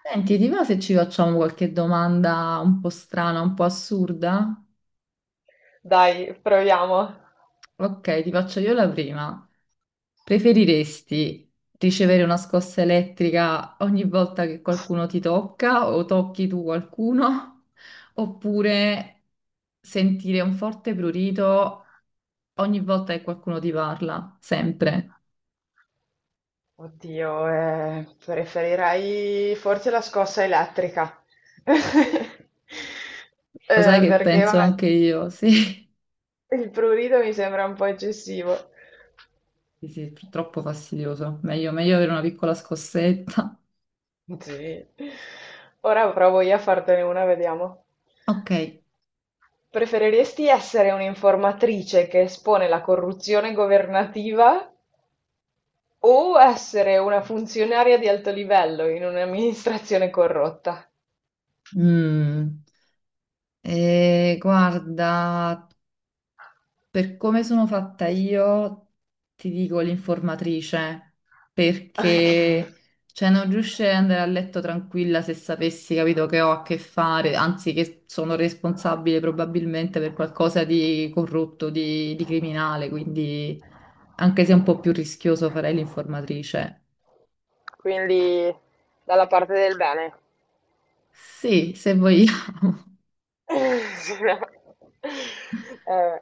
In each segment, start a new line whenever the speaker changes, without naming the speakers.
Senti, ti va se ci facciamo qualche domanda un po' strana, un po' assurda?
Dai, proviamo.
Ok, ti faccio io la prima. Preferiresti ricevere una scossa elettrica ogni volta che qualcuno ti tocca o tocchi tu qualcuno? Oppure sentire un forte prurito ogni volta che qualcuno ti parla? Sempre.
Oddio, preferirei forse la scossa elettrica.
Lo sai che
Perché,
penso
vabbè,
anche io, sì.
il prurito mi sembra un po' eccessivo.
Sì, sì, troppo fastidioso. Meglio, meglio avere una piccola scossetta.
Sì. Ora provo io a fartene una, vediamo.
Ok.
Preferiresti essere un'informatrice che espone la corruzione governativa o essere una funzionaria di alto livello in un'amministrazione corrotta?
Mm. Guarda, per come sono fatta io, ti dico l'informatrice,
Ok.
perché cioè, non riuscirei ad andare a letto tranquilla se sapessi, capito, che ho a che fare, anzi che sono responsabile probabilmente per qualcosa di corrotto, di criminale, quindi anche se è un po' più rischioso farei l'informatrice.
Quindi dalla parte del bene.
Sì, se vogliamo.
Sì, no. Eh,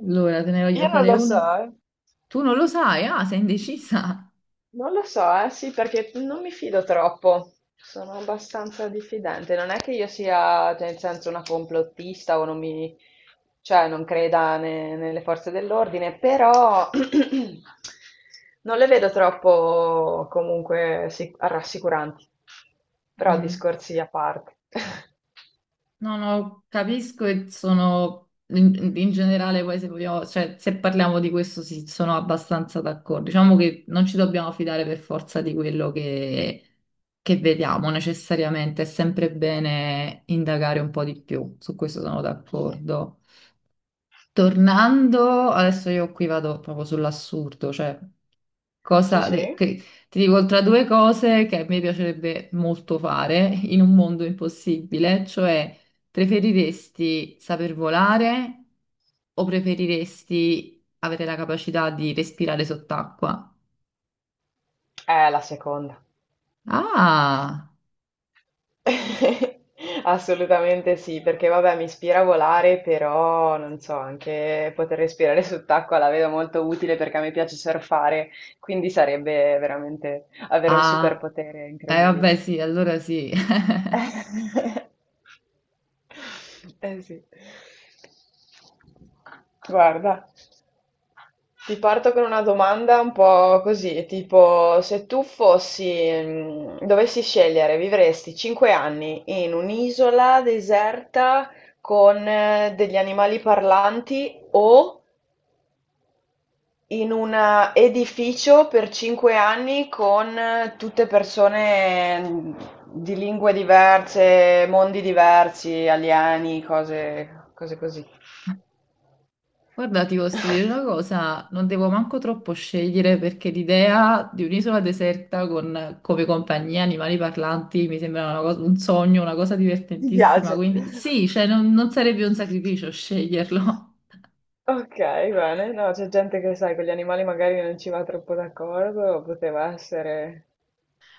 Allora, te ne voglio
io non
fare
lo so,
una.
eh.
Tu non lo sai, ah, sei indecisa.
Non lo so, sì, perché non mi fido troppo. Sono abbastanza diffidente. Non è che io sia, cioè, nel senso, una complottista o non mi, cioè, non creda nelle forze dell'ordine, però non le vedo troppo comunque rassicuranti. Però
Mm.
discorsi a parte.
No, no, capisco e sono in generale poi se vogliamo, cioè se parliamo di questo sì, sono abbastanza d'accordo. Diciamo che non ci dobbiamo fidare per forza di quello che vediamo necessariamente, è sempre bene indagare un po' di più, su questo sono
Sì,
d'accordo. Tornando, adesso io qui vado proprio sull'assurdo, cioè
sì.
Cosa de-
sì.
che- ti dico tra due cose che a me piacerebbe molto fare in un mondo impossibile, cioè preferiresti saper volare o preferiresti avere la capacità di respirare sott'acqua?
La seconda.
Ah,
Assolutamente sì, perché vabbè, mi ispira a volare, però non so, anche poter respirare sott'acqua la vedo molto utile perché a me piace surfare, quindi sarebbe veramente avere un
ah,
superpotere
eh
incredibile.
vabbè sì, allora sì.
Eh sì. Guarda. Ti parto con una domanda un po' così, tipo se tu fossi, dovessi scegliere, vivresti 5 anni in un'isola deserta con degli animali parlanti o in un edificio per 5 anni con tutte persone di lingue diverse, mondi diversi, alieni, cose, cose così.
Guarda, ti posso dire una cosa, non devo manco troppo scegliere perché l'idea di un'isola deserta con come compagnia animali parlanti mi sembra un sogno, una cosa
Ti
divertentissima,
piace?
quindi sì, cioè non sarebbe un sacrificio sceglierlo.
Ok, bene. No, c'è gente che, sai, con gli animali magari non ci va troppo d'accordo, poteva essere...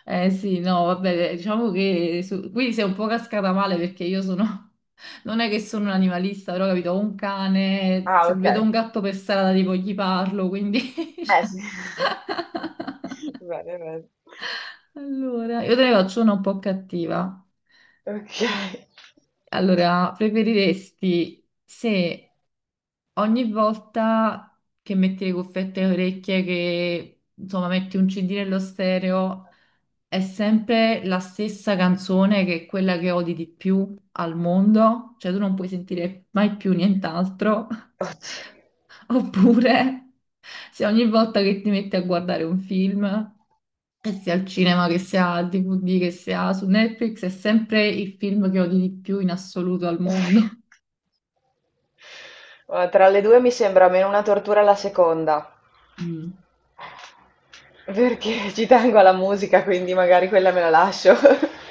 Eh sì, no, vabbè, diciamo che qui sei un po' cascata male perché io sono, non è che sono un animalista, però capito, ho un cane,
Ah,
se
ok.
vedo un gatto per strada tipo gli parlo, quindi...
Eh
cioè,
sì. Bene, bene.
allora, io te ne faccio una un po' cattiva.
Ok.
Allora, preferiresti se ogni volta che metti le cuffiette alle orecchie, che insomma metti un CD nello stereo, è sempre la stessa canzone che è quella che odi di più al mondo, cioè tu non puoi sentire mai più nient'altro,
Oddio.
oppure se ogni volta che ti metti a guardare un film, che sia al cinema, che sia al DVD, che sia su Netflix, è sempre il film che odi di più in assoluto al mondo.
Guarda, tra le due mi sembra meno una tortura la seconda,
Mm.
perché ci tengo alla musica, quindi magari quella me la lascio.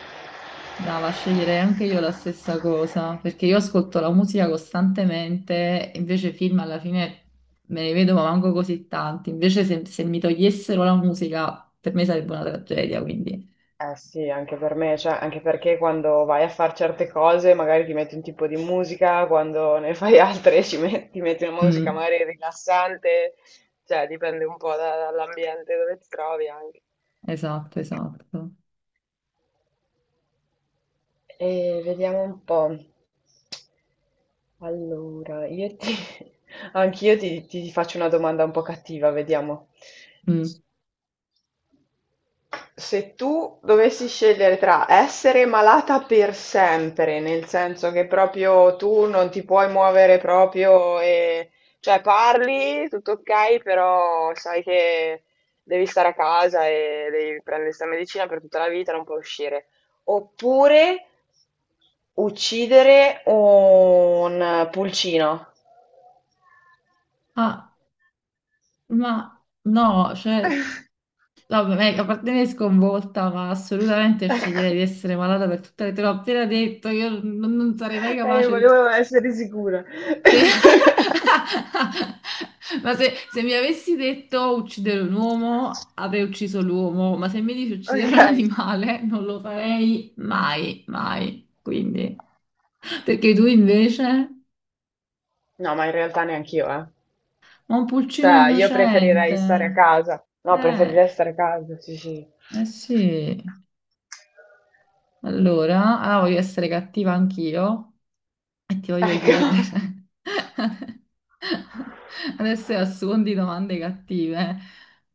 Brava, sceglierei anche io la stessa cosa, perché io ascolto la musica costantemente, invece film alla fine me ne vedo ma manco così tanti, invece se mi togliessero la musica per me sarebbe una tragedia, quindi...
Eh sì, anche per me, cioè anche perché quando vai a fare certe cose magari ti metti un tipo di musica, quando ne fai altre ti metti una musica
Mm,
magari rilassante, cioè dipende un po' dall'ambiente dove ti trovi anche.
esatto, esatto.
E vediamo un po'. Allora, io ti... Anch'io ti, ti faccio una domanda un po' cattiva, vediamo.
Mm.
Se tu dovessi scegliere tra essere malata per sempre, nel senso che proprio tu non ti puoi muovere proprio e cioè parli, tutto ok, però sai che devi stare a casa e devi prendere questa medicina per tutta la vita, non puoi uscire. Oppure uccidere un pulcino.
Ah, ma no, cioè, vabbè, a parte me sconvolta, ma assolutamente sceglierei di
Ecco,
essere malata per tutte le... Te l'ho appena detto, io non sarei mai capace.
volevo essere sicura.
Se... Ma se mi avessi detto uccidere un uomo, avrei ucciso l'uomo, ma se mi dici uccidere un
Okay.
animale, non lo farei mai, mai. Quindi, perché tu invece?
No, ma in realtà neanch'io, eh.
Ma un pulcino
Cioè, io preferirei
innocente.
stare a casa. No,
Eh,
preferirei stare a casa, sì, sì.
eh sì. Allora, ah, voglio essere cattiva anch'io e ti voglio
Ecco.
chiedere. Adesso è a suon di domande cattive.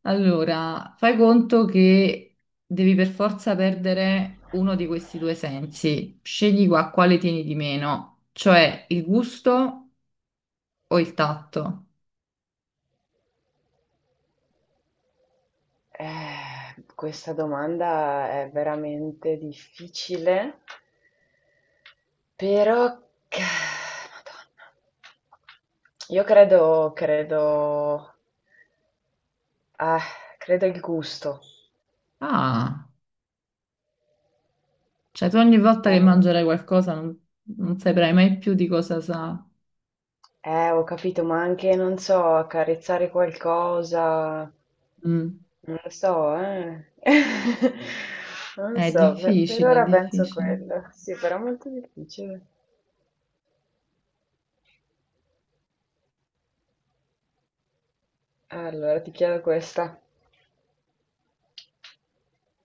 Allora, fai conto che devi per forza perdere uno di questi due sensi. Scegli qua quale tieni di meno, cioè il gusto o il tatto.
Questa domanda è veramente difficile, però... che- Madonna. Io credo, credo... eh, credo il gusto.
Ah, cioè tu ogni volta che
Eh,
mangerai qualcosa non saprai mai più di cosa sa.
ho capito, ma anche, non so, accarezzare qualcosa.
Mm.
Non lo so, eh. Non lo
È
so, per
difficile, è
ora penso
difficile.
quello. Sì, però è molto difficile. Allora, ti chiedo questa.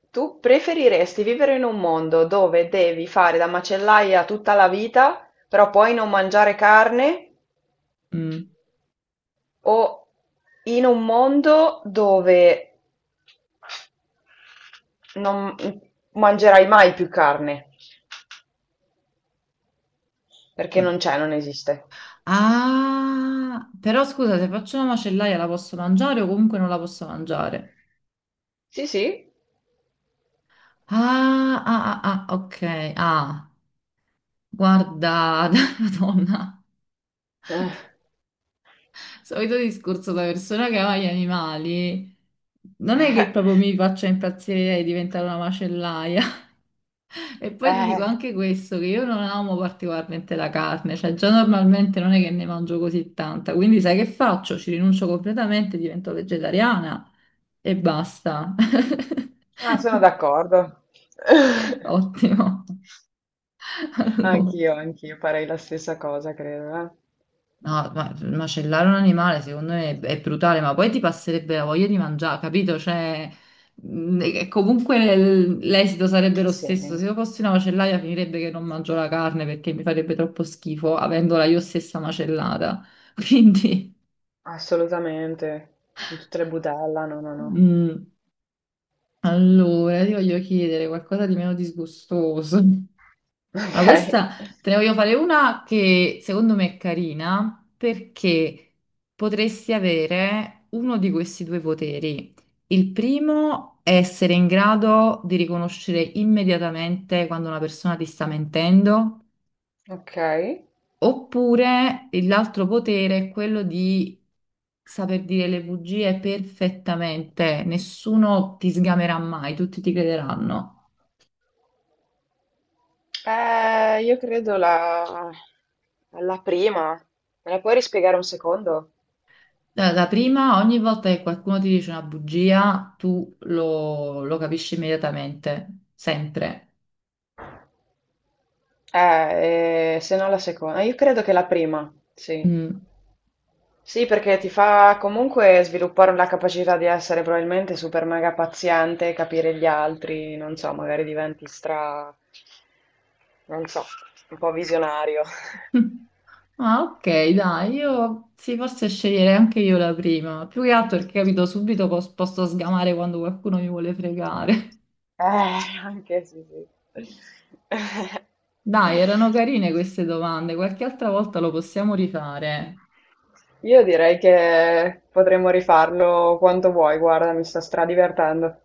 Tu preferiresti vivere in un mondo dove devi fare da macellaia tutta la vita, però poi non mangiare carne,
Mm.
o in un mondo dove non mangerai mai più carne, perché non c'è, non esiste?
Ah, però scusa, se faccio una macellaia la posso mangiare o comunque non la posso mangiare?
Sì, sì.
Ah, ah, ah, ah, ok. Ah, guarda, Madonna,
Eh.
solito discorso da persona che ama gli animali. Non è che proprio mi faccia impazzire di diventare una macellaia. E poi ti dico
Eh.
anche questo, che io non amo particolarmente la carne, cioè già normalmente non è che ne mangio così tanta, quindi sai che faccio? Ci rinuncio completamente, divento vegetariana e basta.
Ah, sono d'accordo.
Ottimo. Allora.
Anch'io, anch'io farei la stessa cosa, credo. Eh.
No, ma macellare un animale secondo me è brutale, ma poi ti passerebbe la voglia di mangiare, capito? Cioè, e comunque l'esito sarebbe lo
Sì,
stesso. Se io fossi una macellaia finirebbe che non mangio la carne perché mi farebbe troppo schifo avendola io stessa macellata. Quindi,
assolutamente. In tutte le budella, no, no, no.
mh, allora, ti voglio chiedere qualcosa di meno disgustoso. Ma
Ok,
questa te ne voglio fare una che secondo me è carina perché potresti avere uno di questi due poteri. Il primo è essere in grado di riconoscere immediatamente quando una persona ti sta mentendo,
ok.
oppure l'altro potere è quello di saper dire le bugie perfettamente, nessuno ti sgamerà mai, tutti ti crederanno.
Io credo la... la prima. Me la puoi rispiegare un secondo?
La prima, ogni volta che qualcuno ti dice una bugia, tu lo capisci immediatamente, sempre.
Se no la seconda. Io credo che la prima, sì.
Mm.
Sì, perché ti fa comunque sviluppare la capacità di essere probabilmente super mega paziente, capire gli altri, non so, magari diventi stra, non so, un po' visionario.
Ah, ok, dai, io sì, forse sceglierei anche io la prima, più che altro perché capito subito posso sgamare quando qualcuno mi vuole fregare.
Eh, anche sì, sì.
Dai, erano carine queste domande, qualche altra volta lo possiamo rifare.
Io direi che potremmo rifarlo quanto vuoi, guarda, mi sto stradivertendo.